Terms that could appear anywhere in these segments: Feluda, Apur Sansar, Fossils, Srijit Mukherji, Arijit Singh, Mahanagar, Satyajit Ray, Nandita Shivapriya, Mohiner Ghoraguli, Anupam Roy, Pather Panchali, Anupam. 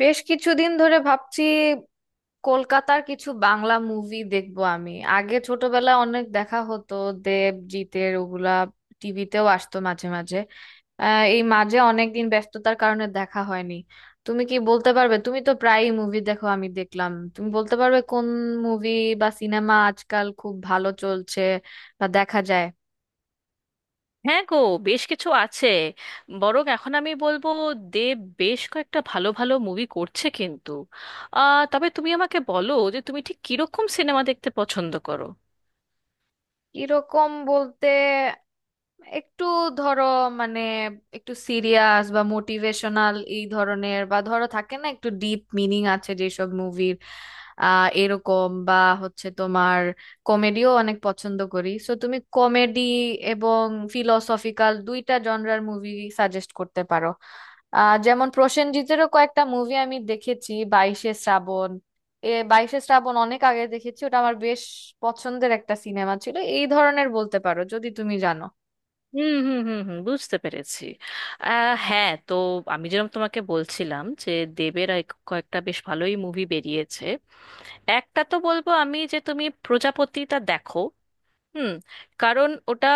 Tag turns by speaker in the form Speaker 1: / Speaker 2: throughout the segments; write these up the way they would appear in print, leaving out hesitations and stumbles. Speaker 1: বেশ কিছুদিন ধরে ভাবছি, কলকাতার কিছু বাংলা মুভি দেখবো আমি। আগে ছোটবেলায় অনেক দেখা হতো, দেব জিতের ওগুলা। টিভিতেও আসতো মাঝে মাঝে। এই মাঝে অনেকদিন ব্যস্ততার কারণে দেখা হয়নি। তুমি কি বলতে পারবে? তুমি তো প্রায়ই মুভি দেখো, আমি দেখলাম। তুমি বলতে পারবে কোন মুভি বা সিনেমা আজকাল খুব ভালো চলছে বা দেখা যায়?
Speaker 2: হ্যাঁ গো, বেশ কিছু আছে। বরং এখন আমি বলবো, দেব বেশ কয়েকটা ভালো ভালো মুভি করছে কিন্তু। তবে তুমি আমাকে বলো যে তুমি ঠিক কিরকম সিনেমা দেখতে পছন্দ করো।
Speaker 1: এরকম বলতে একটু, ধরো, মানে, একটু সিরিয়াস বা মোটিভেশনাল এই ধরনের, বা ধরো থাকে না একটু ডিপ মিনিং আছে যেসব মুভির, এরকম, বা হচ্ছে তোমার কমেডিও অনেক পছন্দ করি। সো তুমি কমেডি এবং ফিলোসফিক্যাল দুইটা জনরার মুভি সাজেস্ট করতে পারো? যেমন প্রসেনজিতেরও কয়েকটা মুভি আমি দেখেছি। বাইশে শ্রাবণ, এ বাইশে শ্রাবণ অনেক আগে দেখেছি, ওটা আমার বেশ পছন্দের একটা সিনেমা ছিল। এই ধরনের বলতে পারো যদি তুমি জানো।
Speaker 2: হুম হুম হুম হুম বুঝতে পেরেছি। হ্যাঁ। তো আমি যেরকম তোমাকে বলছিলাম যে দেবের কয়েকটা বেশ ভালোই মুভি বেরিয়েছে। একটা তো বলবো আমি, যে তুমি প্রজাপতিটা দেখো। হুম। কারণ ওটা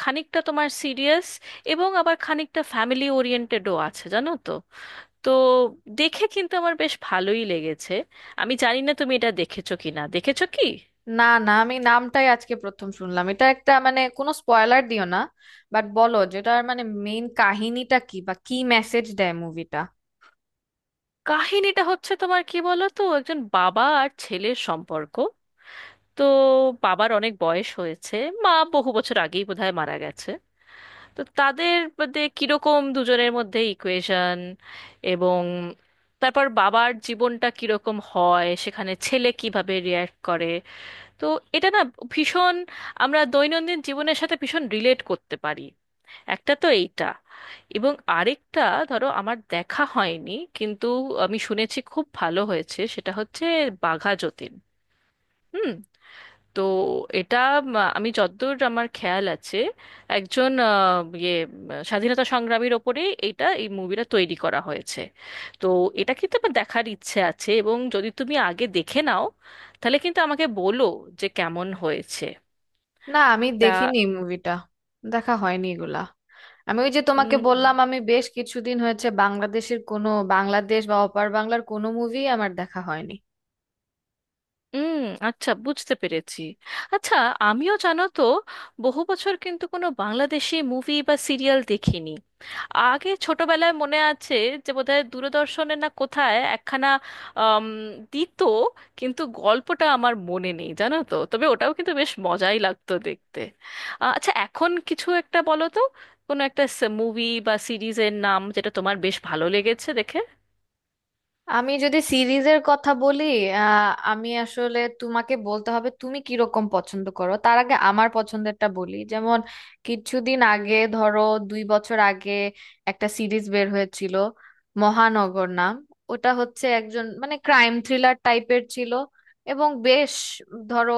Speaker 2: খানিকটা তোমার সিরিয়াস এবং আবার খানিকটা ফ্যামিলি ওরিয়েন্টেডও আছে, জানো তো। তো দেখে কিন্তু আমার বেশ ভালোই লেগেছে। আমি জানি না তুমি এটা দেখেছো কি না, দেখেছো কি
Speaker 1: না না, আমি নামটাই আজকে প্রথম শুনলাম। এটা একটা, মানে, কোনো স্পয়লার দিও না, বাট বলো যেটার মানে মেইন কাহিনীটা কি বা কি মেসেজ দেয় মুভিটা।
Speaker 2: কাহিনীটা? হচ্ছে তোমার, কি বলো তো, একজন বাবা আর ছেলের সম্পর্ক। তো বাবার অনেক বয়স হয়েছে, মা বহু বছর আগেই বোধহয় মারা গেছে। তো তাদের মধ্যে কিরকম দুজনের মধ্যে ইকুয়েশন, এবং তারপর বাবার জীবনটা কিরকম হয়, সেখানে ছেলে কিভাবে রিয়্যাক্ট করে। তো এটা না ভীষণ, আমরা দৈনন্দিন জীবনের সাথে ভীষণ রিলেট করতে পারি। একটা তো এইটা, এবং আরেকটা, ধরো আমার দেখা হয়নি, কিন্তু আমি শুনেছি খুব ভালো হয়েছে, সেটা হচ্ছে বাঘা যতীন। হুম। তো এটা আমি যতদূর আমার খেয়াল আছে, একজন স্বাধীনতা সংগ্রামীর ওপরে এটা, এই মুভিটা তৈরি করা হয়েছে। তো এটা কিন্তু আমার দেখার ইচ্ছে আছে, এবং যদি তুমি আগে দেখে নাও তাহলে কিন্তু আমাকে বলো যে কেমন হয়েছে।
Speaker 1: না, আমি
Speaker 2: তা
Speaker 1: দেখিনি মুভিটা, দেখা হয়নি এগুলা। আমি ওই যে তোমাকে বললাম, আমি বেশ কিছুদিন হয়েছে বাংলাদেশের কোনো, বাংলাদেশ বা অপার বাংলার কোনো মুভি আমার দেখা হয়নি।
Speaker 2: হুম, আচ্ছা, বুঝতে পেরেছি। আচ্ছা, আমিও জানো তো বহু বছর কিন্তু কোনো বাংলাদেশি মুভি বা সিরিয়াল দেখিনি। আগে ছোটবেলায় মনে আছে যে বোধহয় দূরদর্শনে না কোথায় একখানা আম, দিত, কিন্তু গল্পটা আমার মনে নেই, জানো তো। তবে ওটাও কিন্তু বেশ মজাই লাগতো দেখতে। আচ্ছা, এখন কিছু একটা বলো তো, কোনো একটা মুভি বা সিরিজের নাম যেটা তোমার বেশ ভালো লেগেছে দেখে।
Speaker 1: আমি যদি সিরিজের কথা বলি, আমি আসলে তোমাকে বলতে হবে তুমি কিরকম পছন্দ করো। তার আগে আমার পছন্দেরটা বলি। যেমন কিছুদিন আগে, ধরো, 2 বছর আগে একটা সিরিজ বের হয়েছিল, মহানগর নাম। ওটা হচ্ছে একজন, মানে, ক্রাইম থ্রিলার টাইপের ছিল। এবং বেশ, ধরো,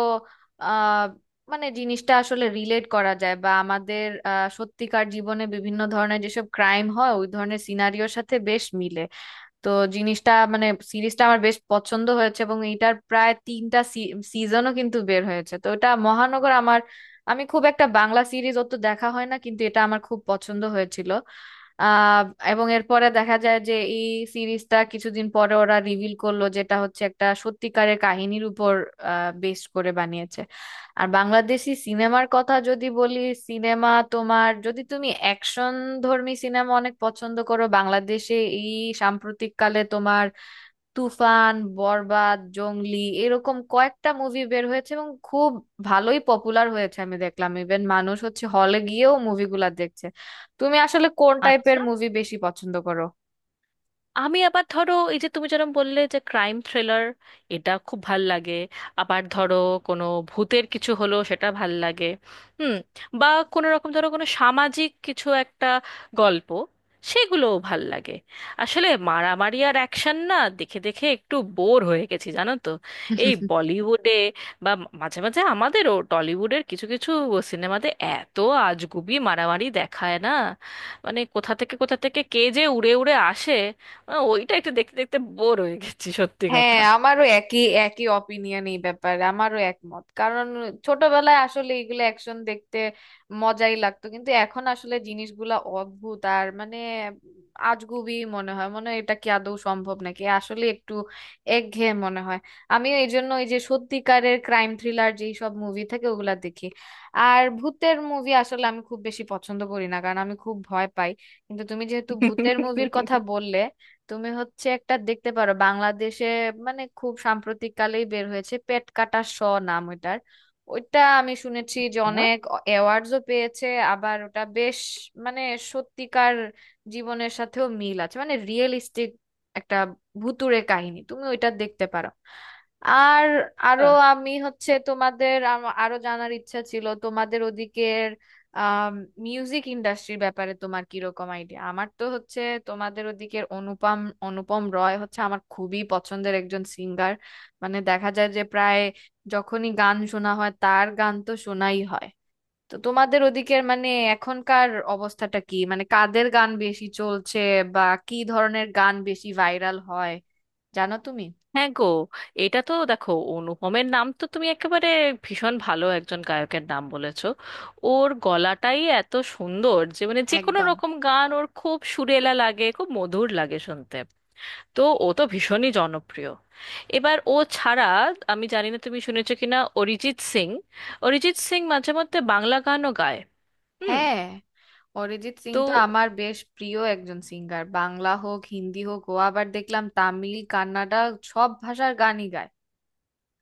Speaker 1: আহ মানে জিনিসটা আসলে রিলেট করা যায় বা আমাদের সত্যিকার জীবনে বিভিন্ন ধরনের যেসব ক্রাইম হয় ওই ধরনের সিনারিওর সাথে বেশ মিলে। তো জিনিসটা, মানে, সিরিজটা আমার বেশ পছন্দ হয়েছে এবং এটার প্রায় তিনটা সিজনও কিন্তু বের হয়েছে। তো এটা মহানগর, আমার, আমি খুব একটা বাংলা সিরিজ অত দেখা হয় না কিন্তু এটা আমার খুব পছন্দ হয়েছিল। আহ এবং এরপরে দেখা যায় যে এই সিরিজটা কিছুদিন পরে ওরা রিভিল করলো যেটা হচ্ছে একটা সত্যিকারের কাহিনীর উপর বেস করে বানিয়েছে। আর বাংলাদেশি সিনেমার কথা যদি বলি, সিনেমা, তোমার যদি তুমি অ্যাকশন ধর্মী সিনেমা অনেক পছন্দ করো, বাংলাদেশে এই সাম্প্রতিককালে তোমার তুফান, বরবাদ, জংলি এরকম কয়েকটা মুভি বের হয়েছে এবং খুব ভালোই পপুলার হয়েছে। আমি দেখলাম ইভেন মানুষ হচ্ছে হলে গিয়েও মুভিগুলা দেখছে। তুমি আসলে কোন টাইপের
Speaker 2: আচ্ছা,
Speaker 1: মুভি বেশি পছন্দ করো?
Speaker 2: আমি আবার, ধরো, এই যে তুমি যেরকম বললে যে ক্রাইম থ্রিলার, এটা খুব ভাল লাগে। আবার ধরো কোনো ভূতের কিছু হলো, সেটা ভাল লাগে। হুম। বা কোনো রকম, ধরো, কোনো সামাজিক কিছু একটা গল্প, সেগুলোও ভাল লাগে। আসলে মারামারি আর অ্যাকশন না দেখে দেখে একটু বোর হয়ে গেছি, জানো তো। এই বলিউডে বা মাঝে মাঝে আমাদেরও টলিউডের কিছু কিছু সিনেমাতে এত আজগুবি মারামারি দেখায় না, মানে কোথা থেকে কোথা থেকে কে যে উড়ে উড়ে আসে। ওইটা একটু দেখতে দেখতে বোর হয়ে গেছি, সত্যি
Speaker 1: হ্যাঁ,
Speaker 2: কথা।
Speaker 1: আমারও একই একই অপিনিয়ন এই ব্যাপারে, আমারও একমত। কারণ ছোটবেলায় আসলে এগুলো অ্যাকশন দেখতে মজাই লাগতো, কিন্তু এখন আসলে জিনিসগুলা অদ্ভুত আর, মানে, আজগুবি মনে হয় এটা কি আদৌ সম্ভব নাকি? আসলে একটু একঘেয়ে মনে হয়। আমিও এই জন্য ওই যে সত্যিকারের ক্রাইম থ্রিলার যেই সব মুভি থাকে ওগুলা দেখি। আর ভূতের মুভি আসলে আমি খুব বেশি পছন্দ করি না, কারণ আমি খুব ভয় পাই। কিন্তু তুমি যেহেতু ভূতের মুভির কথা বললে, তুমি হচ্ছে একটা দেখতে পারো। বাংলাদেশে মানে খুব সাম্প্রতিক কালেই বের হয়েছে পেট কাটা শ নাম ওইটার। ওইটা আমি শুনেছি যে
Speaker 2: হ্যাঁ।
Speaker 1: অনেক অ্যাওয়ার্ডসও পেয়েছে। আবার ওটা বেশ, মানে, সত্যিকার জীবনের সাথেও মিল আছে, মানে, রিয়েলিস্টিক একটা ভুতুড়ে কাহিনী। তুমি ওইটা দেখতে পারো। আর আরো, আমি হচ্ছে তোমাদের আরো জানার ইচ্ছা ছিল তোমাদের ওদিকের মিউজিক ইন্ডাস্ট্রির ব্যাপারে, তোমার কিরকম আইডিয়া। আমার তো হচ্ছে তোমাদের ওদিকের অনুপম অনুপম রয় হচ্ছে আমার খুবই পছন্দের একজন সিঙ্গার। মানে দেখা যায় যে প্রায় যখনই গান শোনা হয় তার গান তো শোনাই হয়। তো তোমাদের ওদিকের, মানে, এখনকার অবস্থাটা কি? মানে কাদের গান বেশি চলছে বা কি ধরনের গান বেশি ভাইরাল হয়, জানো তুমি?
Speaker 2: হ্যাঁ গো, এটা তো দেখো অনুপমের নাম তো তুমি একেবারে ভীষণ ভালো একজন গায়কের নাম বলেছো। ওর গলাটাই এত সুন্দর যে, মানে, যে কোনো
Speaker 1: একদম।
Speaker 2: রকম গান ওর খুব সুরেলা লাগে, খুব মধুর লাগে শুনতে। তো ও তো ভীষণই জনপ্রিয়। এবার ও ছাড়া, আমি জানি না তুমি শুনেছো কিনা, অরিজিৎ সিং। অরিজিৎ সিং মাঝে মধ্যে বাংলা গানও গায়। হুম।
Speaker 1: হ্যাঁ, অরিজিৎ সিং
Speaker 2: তো
Speaker 1: তো আমার বেশ প্রিয় একজন সিঙ্গার। বাংলা হোক, হিন্দি হোক, ও আবার দেখলাম তামিল, কান্নাডা সব ভাষার গানই গায়।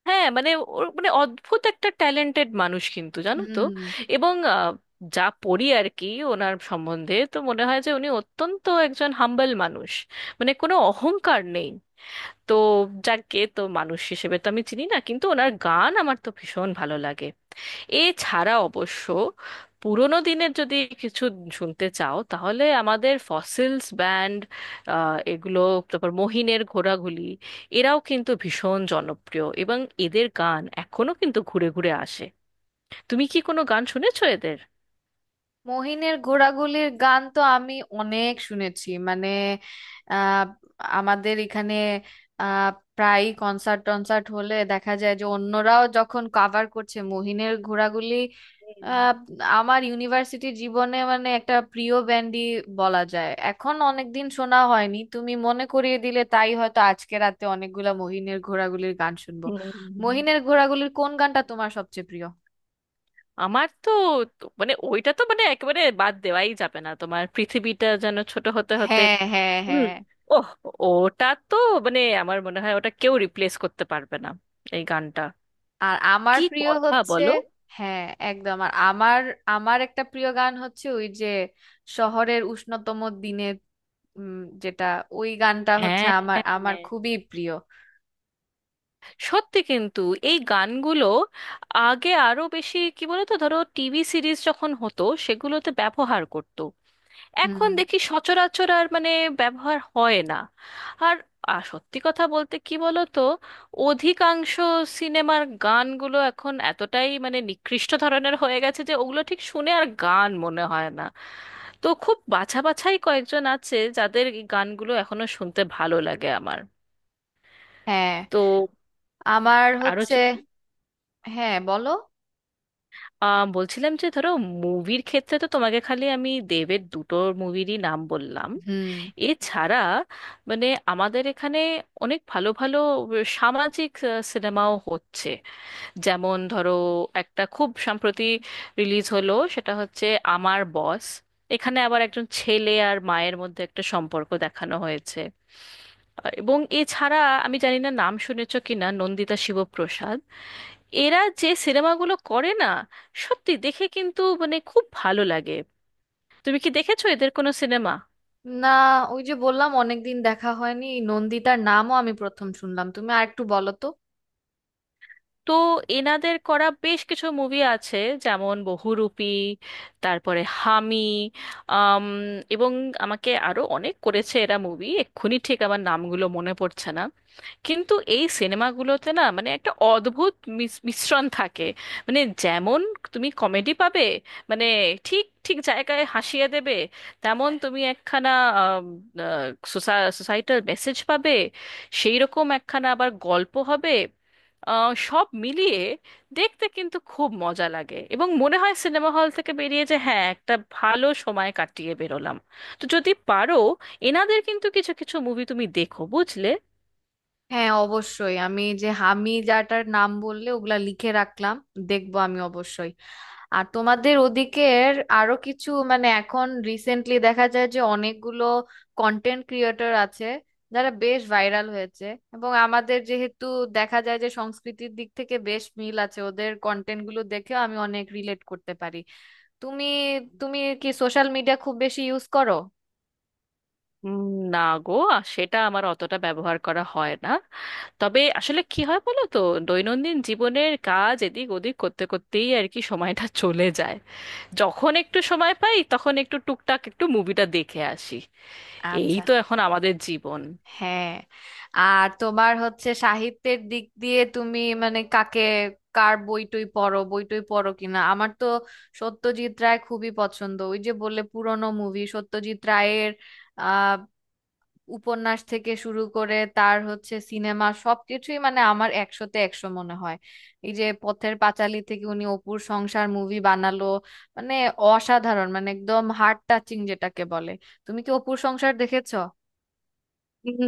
Speaker 2: হ্যাঁ, মানে ওর মানে অদ্ভুত একটা ট্যালেন্টেড মানুষ কিন্তু, জানো তো।
Speaker 1: হুম।
Speaker 2: এবং যা পড়ি আর কি ওনার সম্বন্ধে, তো মনে হয় যে উনি অত্যন্ত একজন হাম্বল মানুষ, মানে কোনো অহংকার নেই। তো যাকে তো মানুষ হিসেবে তো আমি চিনি না, কিন্তু ওনার গান আমার তো ভীষণ ভালো লাগে। এছাড়া অবশ্য পুরোনো দিনের যদি কিছু শুনতে চাও, তাহলে আমাদের ফসিলস ব্যান্ড, এগুলো, তারপর মহিনের ঘোড়াগুলি, এরাও কিন্তু ভীষণ জনপ্রিয় এবং এদের গান এখনো কিন্তু ঘুরে ঘুরে আসে। তুমি কি কোনো গান শুনেছো এদের?
Speaker 1: মহিনের ঘোড়াগুলির গান তো আমি অনেক শুনেছি, মানে, আহ, আমাদের এখানে আহ, প্রায়ই কনসার্ট টনসার্ট হলে দেখা যায় যে অন্যরাও যখন কভার করছে মহিনের ঘোড়াগুলি।
Speaker 2: হুম,
Speaker 1: আহ, আমার ইউনিভার্সিটি জীবনে মানে একটা প্রিয় ব্যান্ডই বলা যায়। এখন অনেকদিন শোনা হয়নি, তুমি মনে করিয়ে দিলে, তাই হয়তো আজকে রাতে অনেকগুলা মহিনের ঘোড়াগুলির গান শুনবো।
Speaker 2: হুম, হুম।
Speaker 1: মহিনের ঘোড়াগুলির কোন গানটা তোমার সবচেয়ে প্রিয়?
Speaker 2: আমার তো তো- মানে ওইটা তো মানে একেবারে বাদ দেওয়াই যাবে না, তোমার পৃথিবীটা যেন ছোট হতে হতে।
Speaker 1: হ্যাঁ, হ্যাঁ,
Speaker 2: হুম,
Speaker 1: হ্যাঁ।
Speaker 2: ওহ, ওটা তো, মানে আমার মনে হয় ওটা কেউ রিপ্লেস করতে পারবে না, এই গানটা।
Speaker 1: আর আমার
Speaker 2: কি
Speaker 1: প্রিয়
Speaker 2: কথা
Speaker 1: হচ্ছে,
Speaker 2: বলো!
Speaker 1: হ্যাঁ, একদম। আর আমার আমার একটা প্রিয় গান হচ্ছে ওই যে শহরের উষ্ণতম দিনে, উম, যেটা, ওই গানটা হচ্ছে
Speaker 2: হ্যাঁ।
Speaker 1: আমার আমার
Speaker 2: হ্যাঁ।
Speaker 1: খুবই প্রিয়।
Speaker 2: সত্যি কিন্তু, এই গানগুলো আগে আরো বেশি, কি বলতো, ধরো টিভি সিরিজ যখন হতো সেগুলোতে ব্যবহার করতো। এখন
Speaker 1: হুম।
Speaker 2: দেখি সচরাচর আর, মানে, ব্যবহার হয় না। আর সত্যি কথা বলতে, কি বলতো, অধিকাংশ সিনেমার গানগুলো এখন এতটাই, মানে, নিকৃষ্ট ধরনের হয়ে গেছে যে ওগুলো ঠিক শুনে আর গান মনে হয় না। তো খুব বাছা বাছাই কয়েকজন আছে যাদের এই গানগুলো এখনো শুনতে ভালো লাগে আমার।
Speaker 1: হ্যাঁ।
Speaker 2: তো
Speaker 1: আমার
Speaker 2: আরো
Speaker 1: হচ্ছে,
Speaker 2: চ-
Speaker 1: হ্যাঁ, বলো।
Speaker 2: বলছিলাম যে ধরো, মুভির ক্ষেত্রে তো তোমাকে খালি আমি দেবের দুটো মুভিরই নাম বললাম।
Speaker 1: হুম।
Speaker 2: এছাড়া মানে আমাদের এখানে অনেক ভালো ভালো সামাজিক সিনেমাও হচ্ছে। যেমন ধরো একটা খুব সম্প্রতি রিলিজ হলো, সেটা হচ্ছে আমার বস। এখানে আবার একজন ছেলে আর মায়ের মধ্যে একটা সম্পর্ক দেখানো হয়েছে। আর এবং এছাড়া আমি জানি না নাম শুনেছো কিনা, নন্দিতা শিবপ্রসাদ, এরা যে সিনেমাগুলো করে না, সত্যি দেখে কিন্তু মানে খুব ভালো লাগে। তুমি কি দেখেছো এদের কোনো সিনেমা?
Speaker 1: না, ওই যে বললাম অনেকদিন দেখা হয়নি। নন্দিতার নামও আমি প্রথম শুনলাম, তুমি আর একটু বলো তো।
Speaker 2: তো এনাদের করা বেশ কিছু মুভি আছে, যেমন বহুরূপী, তারপরে হামি, আম, এবং আমাকে, আরো অনেক করেছে এরা মুভি, এক্ষুনি ঠিক আমার নামগুলো মনে পড়ছে না। কিন্তু এই সিনেমাগুলোতে না, মানে একটা অদ্ভুত মিশ্রণ থাকে। মানে যেমন তুমি কমেডি পাবে, মানে ঠিক ঠিক জায়গায় হাসিয়ে দেবে, তেমন তুমি একখানা সোসাইটাল মেসেজ পাবে, সেই রকম একখানা আবার গল্প হবে। সব মিলিয়ে দেখতে কিন্তু খুব মজা লাগে, এবং মনে হয় সিনেমা হল থেকে বেরিয়ে যে হ্যাঁ, একটা ভালো সময় কাটিয়ে বেরোলাম। তো যদি পারো এনাদের কিন্তু কিছু কিছু মুভি তুমি দেখো, বুঝলে।
Speaker 1: হ্যাঁ, অবশ্যই। আমি যে আমি যাটার নাম বললে ওগুলা লিখে রাখলাম, দেখবো আমি অবশ্যই। আর তোমাদের ওদিকের আরো কিছু, মানে, এখন রিসেন্টলি দেখা যায় যে অনেকগুলো কন্টেন্ট ক্রিয়েটর আছে যারা বেশ ভাইরাল হয়েছে। এবং আমাদের যেহেতু দেখা যায় যে সংস্কৃতির দিক থেকে বেশ মিল আছে, ওদের কন্টেন্ট গুলো দেখেও আমি অনেক রিলেট করতে পারি। তুমি তুমি কি সোশ্যাল মিডিয়া খুব বেশি ইউজ করো?
Speaker 2: উম, না গো, সেটা আমার অতটা ব্যবহার করা হয় না। তবে আসলে কি হয় বলো তো, দৈনন্দিন জীবনের কাজ এদিক ওদিক করতে করতেই আর কি সময়টা চলে যায়। যখন একটু সময় পাই তখন একটু টুকটাক একটু মুভিটা দেখে আসি। এই
Speaker 1: আচ্ছা।
Speaker 2: তো এখন আমাদের জীবন।
Speaker 1: হ্যাঁ। আর তোমার হচ্ছে সাহিত্যের দিক দিয়ে তুমি, মানে, কাকে, কার বই টই পড়ো? বই টই পড়ো কিনা? আমার তো সত্যজিৎ রায় খুবই পছন্দ। ওই যে বললে পুরনো মুভি, সত্যজিৎ রায়ের আহ উপন্যাস থেকে শুরু করে তার হচ্ছে সিনেমা সবকিছুই, মানে, আমার একশোতে একশো মনে হয়। এই যে পথের পাঁচালী থেকে উনি অপুর সংসার মুভি বানালো, মানে, অসাধারণ, মানে, একদম হার্ট টাচিং যেটাকে বলে। তুমি কি অপুর সংসার দেখেছো?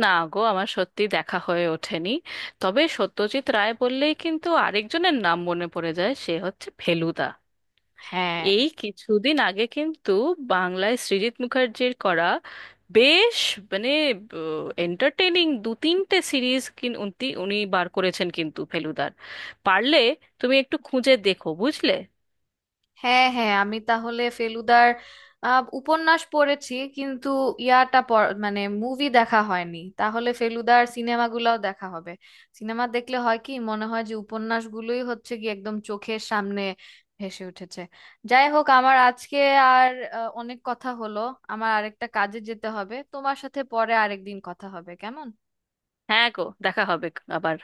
Speaker 2: না গো, আমার সত্যি দেখা হয়ে ওঠেনি। তবে সত্যজিৎ রায় বললেই কিন্তু আরেকজনের নাম মনে পড়ে যায়, সে হচ্ছে ফেলুদা।
Speaker 1: হ্যাঁ,
Speaker 2: এই কিছুদিন আগে কিন্তু বাংলায় সৃজিত মুখার্জির করা বেশ, মানে, এন্টারটেইনিং দু তিনটে সিরিজ উনি উনি বার করেছেন কিন্তু ফেলুদার। পারলে তুমি একটু খুঁজে দেখো, বুঝলে।
Speaker 1: হ্যাঁ, হ্যাঁ, আমি তাহলে ফেলুদার উপন্যাস পড়েছি কিন্তু মানে মুভি দেখা হয়নি। তাহলে ফেলুদার সিনেমাগুলোও দেখা হবে। সিনেমা দেখলে হয় কি, মনে হয় যে উপন্যাসগুলোই হচ্ছে কি একদম চোখের সামনে ভেসে উঠেছে। যাই হোক, আমার আজকে আর অনেক কথা হলো, আমার আরেকটা কাজে যেতে হবে। তোমার সাথে পরে আরেকদিন কথা হবে, কেমন?
Speaker 2: হ্যাঁ গো, দেখা হবে আবার।